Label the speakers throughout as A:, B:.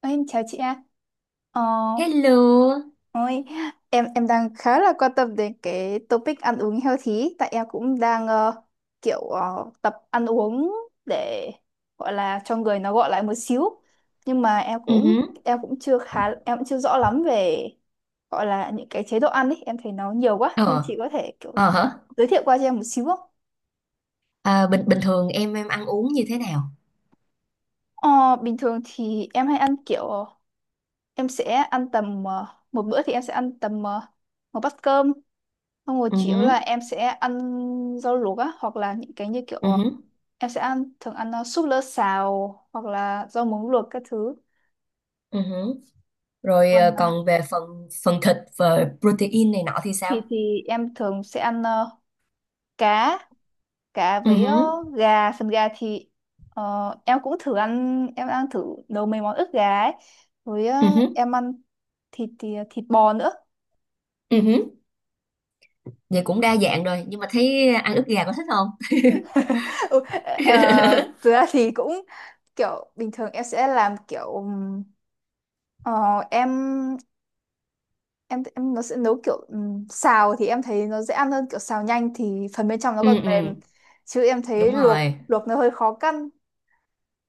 A: Ôi, em chào chị ạ. Ờ,
B: Hello.
A: ôi, em đang khá là quan tâm đến cái topic ăn uống healthy tại em cũng đang tập ăn uống để gọi là cho người nó gọi lại một xíu. Nhưng mà
B: Ừ hứ,
A: em cũng chưa khá em cũng chưa rõ lắm về gọi là những cái chế độ ăn ấy, em thấy nó nhiều quá nên
B: Ờ,
A: chị có thể kiểu
B: ờ hả?
A: giới thiệu qua cho em một xíu không?
B: À, bình bình thường em ăn uống như thế nào?
A: Ờ, Bình thường thì em hay ăn kiểu em sẽ ăn tầm ờ, một bữa thì em sẽ ăn tầm một bát cơm. Xong rồi
B: Ừ
A: chủ yếu
B: hứ,
A: là em sẽ ăn rau luộc á, hoặc là những cái như kiểu
B: ừ
A: ờ,
B: hứ.
A: em sẽ ăn thường ăn súp lơ xào hoặc là rau muống luộc các thứ.
B: Ừ hử. Rồi
A: Còn
B: còn về phần phần thịt và protein này nọ thì sao?
A: thịt thì em thường sẽ ăn cá,
B: Ừ
A: với
B: hứ,
A: gà, phần gà thì ờ, em cũng thử ăn em ăn thử nấu mấy món ức gà ấy. Với
B: ừ hứ,
A: em ăn thịt thì thịt bò nữa.
B: ừ hứ, Vậy cũng đa dạng rồi, nhưng mà thấy ăn ức gà có thích không?
A: Ừ, ờ, thực ra thì cũng kiểu bình thường em sẽ làm kiểu Ờ, em em nó sẽ nấu kiểu xào thì em thấy nó dễ ăn hơn, kiểu xào nhanh thì phần bên trong nó còn
B: ừ
A: mềm,
B: ừ.
A: chứ em thấy
B: Đúng
A: luộc
B: rồi.
A: luộc nó hơi khó căn.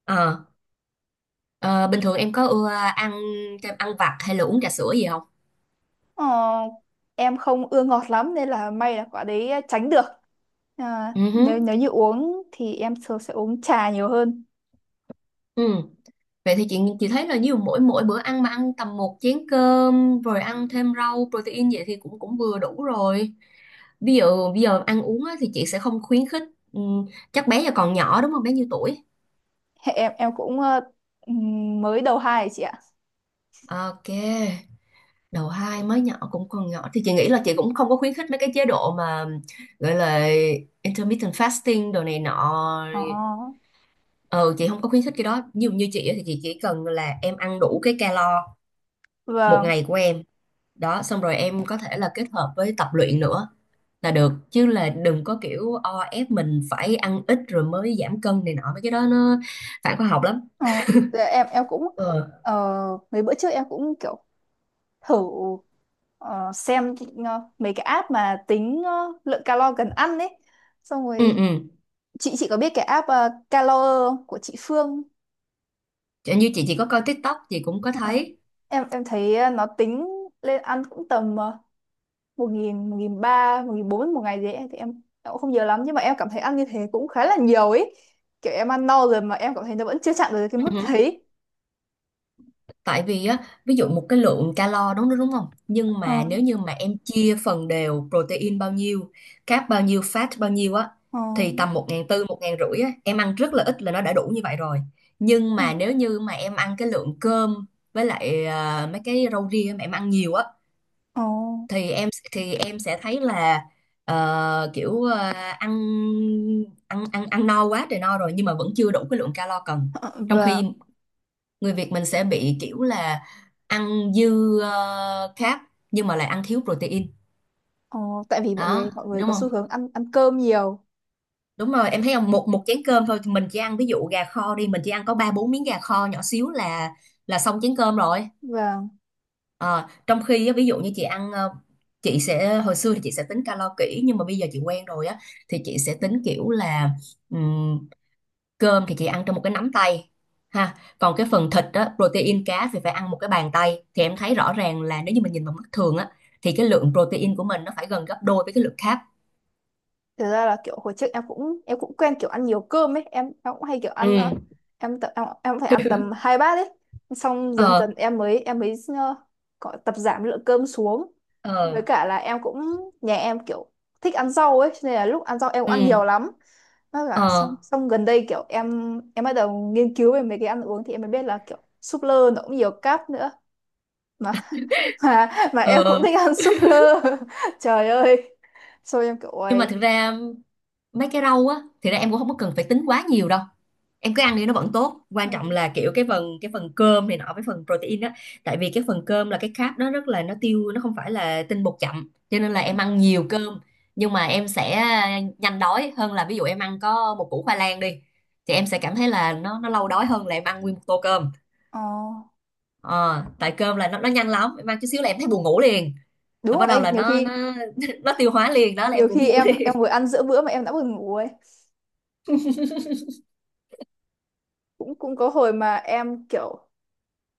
B: Ờ, ờ, bình thường em có ưa ăn kem ăn vặt hay là uống trà sữa gì không?
A: Ờ, em không ưa ngọt lắm nên là may là quả đấy tránh được. À,
B: ừ hứ,
A: nếu nếu như uống thì em thường sẽ uống trà nhiều hơn.
B: ừ. Vậy thì chị thấy là nhiều mỗi mỗi bữa ăn mà ăn tầm một chén cơm rồi ăn thêm rau protein vậy thì cũng cũng vừa đủ rồi. Ví dụ bây giờ ăn uống á, thì chị sẽ không khuyến khích. Ừm, chắc bé giờ còn nhỏ đúng không? Bé nhiêu tuổi?
A: Hệ em cũng mới đầu hai ấy chị ạ.
B: Ok. Đầu hai mới nhỏ cũng còn nhỏ thì chị nghĩ là chị cũng không có khuyến khích mấy cái chế độ mà gọi là intermittent fasting đồ này nọ.
A: Ờ,
B: Ừ, chị không có khuyến khích cái đó. Nhiều như chị á thì chị chỉ cần là em ăn đủ cái calo một
A: vâng.
B: ngày của em, đó xong rồi em có thể là kết hợp với tập luyện nữa là được, chứ là đừng có kiểu o ép mình phải ăn ít rồi mới giảm cân này nọ, mấy cái đó nó phản khoa học lắm.
A: Ờ, dạ em cũng
B: ừ
A: ờ, mấy bữa trước em cũng kiểu thử ờ, xem mấy cái app mà tính lượng calo cần ăn ấy. Xong
B: ừ
A: rồi
B: ừ
A: chị có biết cái app Calo không? Của chị Phương.
B: Chẳng như chị chỉ có coi TikTok chị cũng có
A: Ờ,
B: thấy.
A: em thấy nó tính lên ăn cũng tầm 1.000, 1.300, 1.400 một ngày gì ấy thì em cũng không nhớ lắm, nhưng mà em cảm thấy ăn như thế cũng khá là nhiều ấy, kiểu em ăn no rồi mà em cảm thấy nó vẫn chưa chạm được cái mức thấy.
B: Tại vì á, ví dụ một cái lượng calo đúng đúng không? Nhưng
A: ờ
B: mà nếu như mà em chia phần đều protein bao nhiêu, carb bao nhiêu, fat bao nhiêu á,
A: ờ
B: thì tầm 1.400, 1.500 á, em ăn rất là ít là nó đã đủ như vậy rồi. Nhưng
A: ờ
B: mà nếu như mà em ăn cái lượng cơm với lại mấy cái rau ria mà em ăn nhiều á,
A: ờ,
B: thì em sẽ thấy là ờ, kiểu ờ, ăn ăn ăn ăn no quá trời no rồi nhưng mà vẫn chưa đủ cái lượng calo cần.
A: ờ,
B: Trong
A: và
B: khi người Việt mình sẽ bị kiểu là ăn dư carb nhưng mà lại ăn thiếu protein,
A: ờ, Tại vì
B: đó
A: mọi người
B: đúng
A: có xu
B: không?
A: hướng ăn ăn cơm nhiều.
B: Đúng rồi, em thấy không, một một chén cơm thôi mình chỉ ăn ví dụ gà kho đi, mình chỉ ăn có ba bốn miếng gà kho nhỏ xíu là xong chén cơm rồi.
A: Và
B: Ờ, Trong khi á, ví dụ như chị ăn ờ, chị sẽ hồi xưa thì chị sẽ tính calo kỹ, nhưng mà bây giờ chị quen rồi á, thì chị sẽ tính kiểu là cơm thì chị ăn trong một cái nắm tay, ha, còn cái phần thịt á, protein cá thì phải ăn một cái bàn tay, thì em thấy rõ ràng là nếu như mình nhìn bằng mắt thường á thì cái lượng protein của mình nó phải gần gấp đôi với cái lượng carb.
A: thực ra là kiểu hồi trước em cũng quen kiểu ăn nhiều cơm ấy. Em cũng hay kiểu
B: ừ
A: ăn em cũng phải ăn tầm hai bát ấy, xong dần dần
B: ờ
A: em mới có tập giảm lượng cơm xuống. Với
B: ờ
A: cả là em cũng nhà em kiểu thích ăn rau ấy, cho nên là lúc ăn rau em cũng
B: ừ
A: ăn nhiều lắm. Với cả
B: ờ
A: xong xong gần đây kiểu em bắt đầu nghiên cứu về mấy cái ăn uống thì em mới biết là kiểu súp lơ nó cũng nhiều cáp nữa. Mà Mà em
B: ờ ờ.
A: cũng thích ăn súp lơ. Trời ơi, xong em kiểu
B: Nhưng mà
A: ôi.
B: thực ra mấy cái rau á, thì ra em cũng không có cần phải tính quá nhiều đâu, em cứ ăn đi nó vẫn tốt,
A: Ừ.
B: quan trọng là kiểu cái phần cơm này nọ với phần protein á. Tại vì cái phần cơm là cái carb, nó rất là nó không phải là tinh bột chậm, cho nên là
A: Ừ.
B: em ăn nhiều cơm nhưng mà em sẽ nhanh đói hơn là ví dụ em ăn có một củ khoai lang đi, thì em sẽ cảm thấy là nó lâu đói hơn là em ăn nguyên một tô cơm.
A: Ờ,
B: Ờ, tại cơm là nó nhanh lắm, em ăn chút xíu là em thấy buồn ngủ liền,
A: Đúng
B: rồi
A: rồi,
B: bắt đầu
A: đấy,
B: là nó nó nó tiêu hóa liền, đó là em
A: nhiều
B: buồn
A: khi
B: ngủ
A: em
B: liền.
A: em vừa ăn giữa bữa mà em đã buồn ngủ ấy. Cũng Cũng có hồi mà em kiểu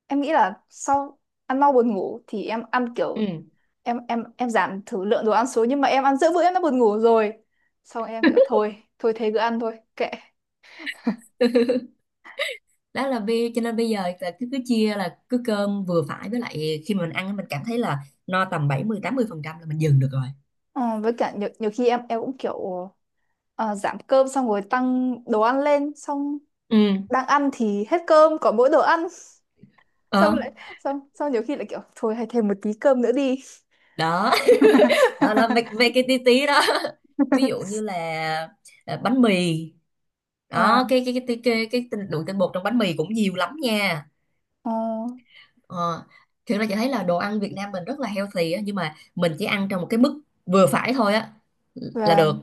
A: em nghĩ là sau ăn mau buồn ngủ thì em ăn
B: Ừ.
A: kiểu em giảm thử lượng đồ ăn xuống, nhưng mà em ăn giữa bữa em đã buồn ngủ rồi. Xong em kiểu thôi, thôi thế cứ ăn thôi, kệ.
B: Đó là bi, cho nên bây giờ là cứ cứ chia là cứ cơm vừa phải, với lại khi mà mình ăn mình cảm thấy là no tầm bảy mươi tám mươi phần trăm là mình dừng được rồi.
A: Ờ, với cả nhiều khi em cũng kiểu giảm cơm xong rồi tăng đồ ăn lên, xong
B: Ừ
A: đang ăn thì hết cơm, còn mỗi đồ ăn. Xong
B: ờ
A: lại xong xong nhiều khi lại kiểu thôi, hay thêm một tí cơm nữa đi.
B: đó Đó là mấy, mấy cái tí tí đó, ví dụ như là bánh mì,
A: Ờ
B: đó lượng tinh bột trong bánh mì cũng nhiều lắm nha.
A: Ờ,
B: ờ, Thực ra chị thấy là đồ ăn Việt Nam mình rất là healthy á, nhưng mà mình chỉ ăn trong một cái mức vừa phải thôi á là
A: và
B: được,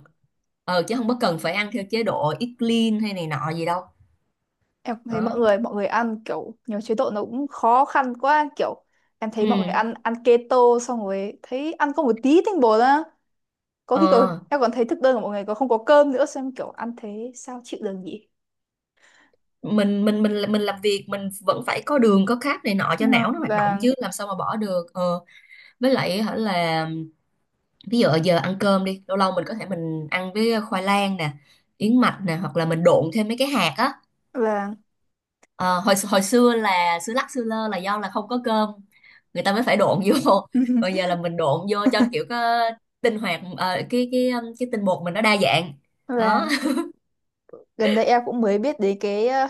B: ờ, chứ không có cần phải ăn theo chế độ eat clean hay này nọ gì đâu.
A: Em cũng thấy
B: Đó
A: mọi người ăn kiểu nhiều chế độ, nó cũng khó khăn quá. Kiểu em thấy mọi người
B: ừ
A: ăn ăn keto, xong rồi thấy ăn có một tí tinh bột á, có khi còn
B: Ờ,
A: em còn thấy thực đơn của mọi người còn không có cơm nữa, xem kiểu ăn thế sao chịu được nhỉ?
B: mình làm việc mình vẫn phải có đường có carb này nọ cho
A: Ờ,
B: não nó hoạt động
A: và
B: chứ làm sao mà bỏ được. Ờ, với lại hả là ví dụ giờ ăn cơm đi, lâu lâu mình có thể mình ăn với khoai lang nè, yến mạch nè, hoặc là mình độn thêm mấy cái hạt á.
A: và
B: Ờ, hồi hồi xưa là xưa lắc xưa lơ là do là không có cơm người ta mới phải độn vô còn giờ là mình độn vô cho kiểu có tinh hoạt ờ, cái tinh bột mình nó đa dạng,
A: và
B: đó.
A: Gần đây em cũng mới biết đến cái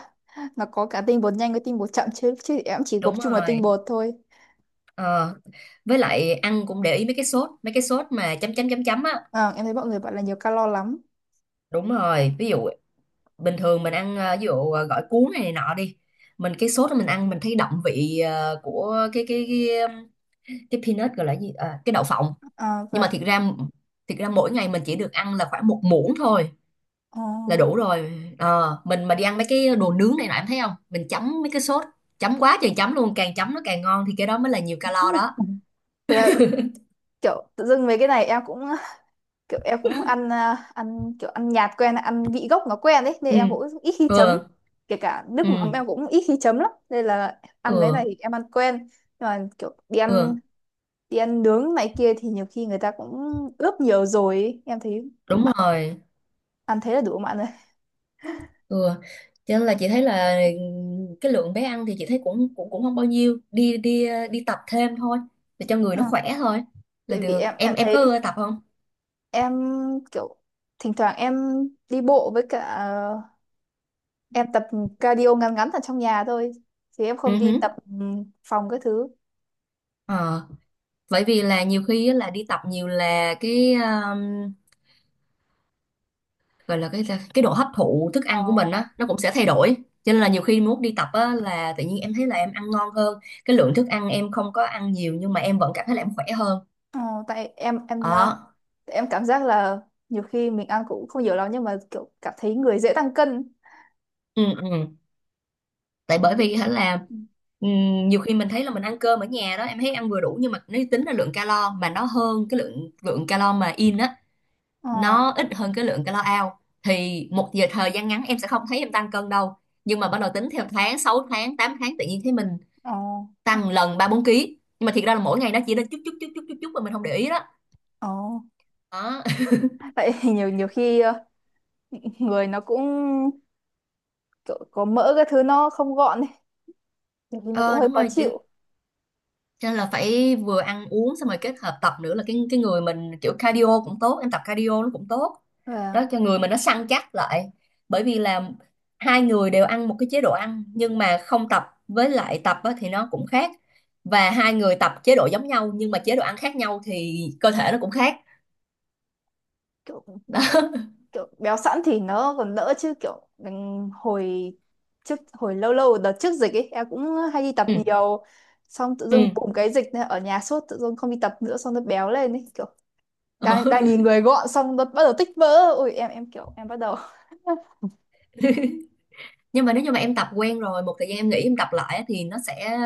A: nó có cả tinh bột nhanh với tinh bột chậm, chứ chứ em chỉ
B: Đúng
A: gộp chung là tinh
B: rồi.
A: bột thôi.
B: Ờ, với lại ăn cũng để ý mấy cái sốt mà chấm chấm chấm chấm á.
A: Ờ, em thấy mọi người bảo là nhiều calo lắm.
B: Đúng rồi, ví dụ bình thường mình ăn gỏi cuốn này, này nọ đi. Mình cái sốt đó mình ăn mình thấy đậm vị của cái peanut gọi là gì, ờ, cái đậu phộng.
A: Ờ,
B: Nhưng mà
A: và
B: thiệt ra mỗi ngày mình chỉ được ăn là khoảng một muỗng thôi
A: ờ.
B: là đủ rồi. Ờ, mình mà đi ăn mấy cái đồ nướng này nọ em thấy không? Mình chấm mấy cái sốt, chấm quá trời chấm luôn, càng chấm nó càng ngon, thì cái đó mới là nhiều calo đó.
A: Thế là kiểu tự dưng mấy cái này em cũng kiểu em cũng ăn à, ăn kiểu ăn nhạt quen, ăn vị gốc nó quen đấy, nên
B: Ừ.
A: em cũng ít khi
B: Ừ.
A: chấm. Kể cả nước
B: Ừ.
A: mắm em cũng ít khi chấm lắm, nên là ăn mấy này
B: Ừ.
A: thì em ăn quen, nhưng mà kiểu
B: Ừ.
A: đi ăn nướng này kia thì nhiều khi người ta cũng ướp nhiều rồi ấy. Em thấy
B: Đúng
A: bạn
B: rồi.
A: ăn thế là đủ bạn rồi.
B: ừ. Cho nên là chị thấy là cái lượng bé ăn thì chị thấy cũng cũng cũng không bao nhiêu, đi đi ờ, đi tập thêm thôi, để cho người
A: Ờ.
B: nó khỏe thôi là
A: Tại vì
B: được.
A: em
B: Em có
A: thấy
B: ưa tập không?
A: em kiểu thỉnh thoảng em đi bộ với cả à, em tập cardio ngắn ngắn ở trong nhà thôi, chứ em không
B: Ừ
A: đi
B: hứ.
A: tập phòng cái thứ.
B: Ờ, bởi vì là nhiều khi á là đi tập nhiều là cái gọi là cái độ hấp thụ thức
A: Ờ.
B: ăn của mình á nó cũng sẽ thay đổi, cho nên là nhiều khi muốn đi tập á là tự nhiên em thấy là em ăn ngon hơn, cái lượng thức ăn em không có ăn nhiều nhưng mà em vẫn cảm thấy là em khỏe hơn,
A: Ờ, Tại
B: đó.
A: em cảm giác là nhiều khi mình ăn cũng không nhiều lắm nhưng mà kiểu cảm thấy người dễ tăng cân
B: ừ, ừ. Tại bởi
A: kiểu.
B: vì hả là
A: Ừ.
B: nhiều khi mình thấy là mình ăn cơm ở nhà đó, em thấy ăn vừa đủ, nhưng mà nếu tính là lượng calo mà nó hơn cái lượng lượng calo mà in á,
A: ờ
B: nó ít hơn cái lượng calo out, thì một giờ thời gian ngắn em sẽ không thấy em tăng cân đâu, nhưng mà bắt đầu tính theo tháng 6 tháng 8 tháng tự nhiên thấy mình
A: ờ
B: tăng lần ba bốn ký, nhưng mà thiệt ra là mỗi ngày nó chỉ lên chút chút chút chút chút chút mà mình không để ý đó,
A: ờ
B: đó.
A: Tại nhiều nhiều khi người nó cũng kiểu có mỡ, cái thứ nó không gọn ấy, nhiều khi nó cũng
B: Ờ,
A: hơi
B: đúng
A: khó
B: rồi.
A: chịu.
B: Cho nên là phải vừa ăn uống xong rồi kết hợp tập nữa là cái người mình kiểu cardio cũng tốt, em tập cardio nó cũng tốt.
A: Và
B: Đó, cho người mình nó săn chắc lại. Bởi vì là hai người đều ăn một cái chế độ ăn nhưng mà không tập với lại tập á, thì nó cũng khác. Và hai người tập chế độ giống nhau nhưng mà chế độ ăn khác nhau thì cơ thể nó cũng khác.
A: kiểu
B: Đó.
A: kiểu béo sẵn thì nó còn đỡ, chứ kiểu mình hồi lâu lâu đợt trước dịch ấy em cũng hay đi tập
B: Ừ.
A: nhiều, xong tự
B: Ừ.
A: dưng cùng cái dịch này ở nhà sốt, tự dưng không đi tập nữa, xong nó béo lên ấy, kiểu
B: Ờ.
A: đang đang nhìn người gọn xong nó bắt đầu tích vỡ, ui, em kiểu em bắt đầu.
B: Nhưng mà nếu như mà em tập quen rồi một thời gian em nghĩ em tập lại á, thì nó sẽ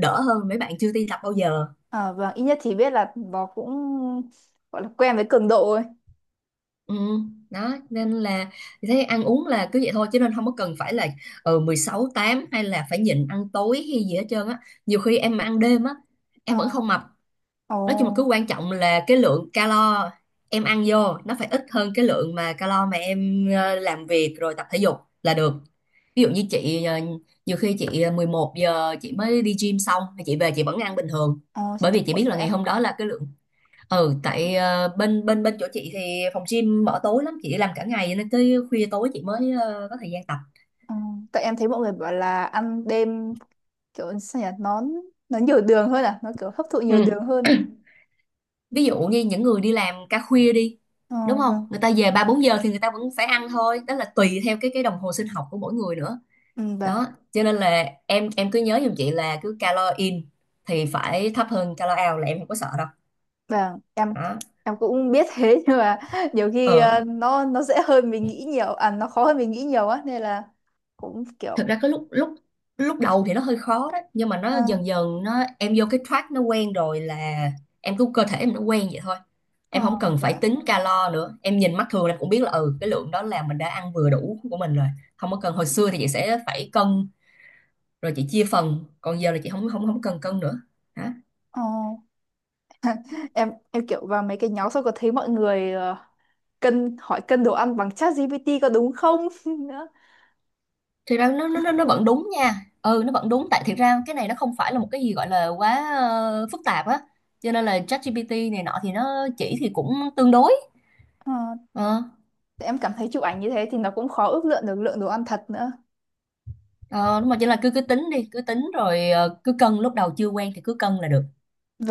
B: đỡ hơn mấy bạn chưa đi tập bao giờ.
A: À, vâng, ít nhất thì biết là nó cũng gọi là quen với cường độ rồi.
B: Ừ, đó nên là thế, ăn uống là cứ vậy thôi chứ, nên không có cần phải là 16 8 hay là phải nhịn ăn tối hay gì hết trơn á. Nhiều khi em mà ăn đêm á em vẫn
A: À,
B: không mập.
A: ồ
B: Nói chung là cứ quan trọng là cái lượng calo em ăn vô nó phải ít hơn cái lượng mà calo mà em làm việc rồi tập thể dục là được. Ví dụ như chị ờ, nhiều khi chị ờ, 11 giờ chị mới đi gym xong thì chị về chị vẫn ăn bình thường.
A: ồ, chị
B: Bởi
A: tập
B: vì chị
A: cuộn
B: biết là
A: vậy
B: ngày
A: à?
B: hôm đó là cái lượng, ừ, tại ờ, bên bên bên chỗ chị thì phòng gym mở tối lắm, chị làm cả ngày nên tới khuya tối chị mới có thời gian tập.
A: Ờ, Tại em thấy mọi người bảo là ăn đêm kiểu sao nhỉ, nó nhiều đường hơn à, nó kiểu hấp thụ nhiều
B: Ừ.
A: đường hơn.
B: Ví dụ như những người đi làm ca khuya đi
A: ờ
B: đúng không,
A: vâng.
B: người ta về ba bốn giờ thì người ta vẫn phải ăn thôi, đó là tùy theo cái đồng hồ sinh học của mỗi người nữa,
A: Ừ, vâng
B: đó. Cho nên là em cứ nhớ giùm chị là cứ calo in thì phải thấp hơn calo out là em không có sợ đâu,
A: vâng em
B: đó.
A: em cũng biết thế. Nhưng mà nhiều khi
B: Ừ.
A: nó dễ hơn mình nghĩ nhiều, à nó khó hơn mình nghĩ nhiều á, nên là cũng kiểu.
B: Thực ra cái lúc lúc lúc đầu thì nó hơi khó đó nhưng mà nó
A: Ờ
B: dần dần nó em vô cái track nó quen rồi, là em cứ cơ thể em nó quen vậy thôi,
A: ờ
B: em không cần phải
A: và
B: tính calo nữa, em nhìn mắt thường em cũng biết là ừ cái lượng đó là mình đã ăn vừa đủ của mình rồi, không có cần. Hồi xưa thì chị sẽ phải cân rồi chị chia phần, còn giờ là chị không không không cần cân nữa, hả.
A: ờ Em kiểu vào mấy cái nhóm xong có thấy mọi người hỏi cân đồ ăn bằng chat GPT có đúng không nữa.
B: Thì ra nó vẫn đúng nha, ừ nó vẫn đúng, tại thiệt ra cái này nó không phải là một cái gì gọi là quá phức tạp á, cho nên là ChatGPT này nọ thì nó chỉ thì cũng tương đối.
A: Ờ,
B: Ờ.
A: em cảm thấy chụp ảnh như thế thì nó cũng khó ước lượng được lượng đồ ăn thật nữa.
B: Ờ, đúng rồi, chỉ là cứ cứ tính đi, cứ tính rồi cứ cân, lúc đầu chưa quen thì cứ cân là được.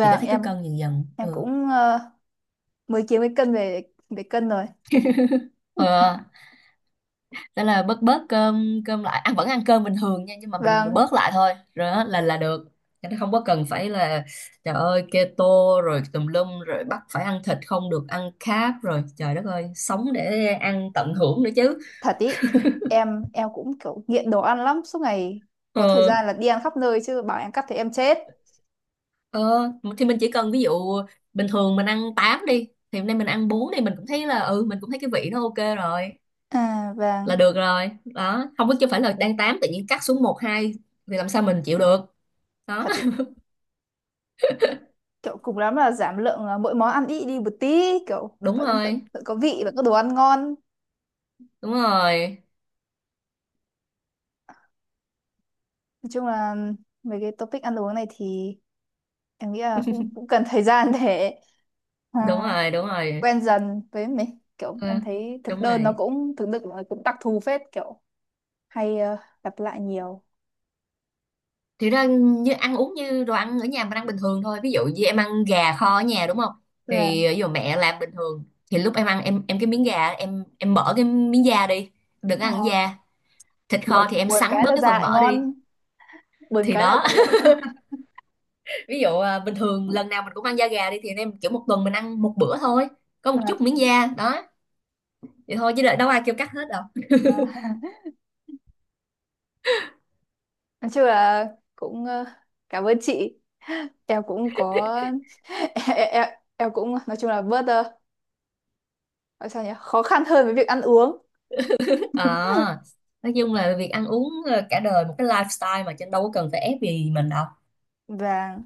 B: Chị có thấy cứ
A: em
B: cân dần dần.
A: em
B: Ừ.
A: cũng mới kiếm cái cân về để cân rồi.
B: Ờ, thế là bớt bớt cơm cơm lại, ăn vẫn ăn cơm bình thường nha, nhưng mà mình
A: và
B: bớt lại thôi, rồi đó là được. Cho không có cần phải là trời ơi keto rồi tùm lum rồi bắt phải ăn thịt không được ăn carb rồi trời đất ơi, sống để ăn tận hưởng nữa chứ.
A: Thật ý em cũng kiểu nghiện đồ ăn lắm, suốt ngày có thời
B: ờ,
A: gian là đi ăn khắp nơi, chứ bảo em cắt thì em chết.
B: ờ, thì mình chỉ cần ví dụ bình thường mình ăn 8 đi thì hôm nay mình ăn 4 đi mình cũng thấy là ừ mình cũng thấy cái vị nó ok rồi
A: À, và
B: là được rồi, đó, không có chứ phải là đang tám tự nhiên cắt xuống một hai thì làm sao mình chịu được, đó.
A: thật ý kiểu cùng lắm là giảm lượng mỗi món ăn ít đi một tí, kiểu
B: đúng
A: vẫn vẫn
B: rồi
A: vẫn có vị, vẫn có đồ ăn ngon.
B: đúng rồi
A: Nói chung là mấy cái topic ăn uống này thì em nghĩ là cũng cũng cần thời gian để à,
B: Đúng rồi.
A: quen dần với mấy kiểu.
B: Ờ,
A: Em thấy thực
B: đúng
A: đơn nó
B: rồi.
A: cũng đặc thù phết, kiểu hay lặp lại nhiều.
B: Thì ra như ăn uống như đồ ăn ở nhà mình ăn bình thường thôi, ví dụ như em ăn gà kho ở nhà đúng không,
A: Tức là
B: thì ví dụ mẹ làm bình thường thì lúc em ăn em cái miếng gà em mở cái miếng da đi, đừng
A: ờ,
B: ăn da, thịt
A: buồn
B: kho thì em
A: buồn
B: sắn
A: cái
B: bớt
A: là
B: cái
A: ra
B: phần
A: lại
B: mỡ đi,
A: ngon, buồn
B: thì
A: cái là
B: đó.
A: ra gà.
B: Ví dụ bình thường lần nào mình cũng ăn da gà đi thì anh em kiểu một tuần mình ăn một bữa thôi, có một
A: à,
B: chút miếng da đó, vậy thôi, chứ đợi- đâu ai kêu cắt hết đâu.
A: À, nói chung là cũng cảm ơn chị, em cũng có. em, em, em cũng nói chung là bớt gọi sao nhỉ, khó khăn hơn với việc ăn uống.
B: À, nói chung là việc ăn uống cả đời một cái lifestyle mà trên, đâu có cần phải ép gì mình đâu.
A: Và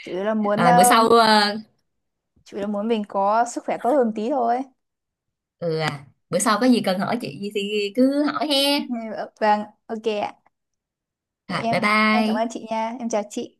A: chủ yếu là muốn
B: À, bữa
A: ờ,
B: sau ờ,
A: Chủ là muốn mình có sức khỏe tốt hơn tí thôi.
B: ừ À, bữa sau có gì cần hỏi chị gì thì cứ hỏi he.
A: Vâng, ok ạ.
B: Rồi
A: em
B: bye
A: em cảm ơn
B: bye.
A: chị nha, em chào chị.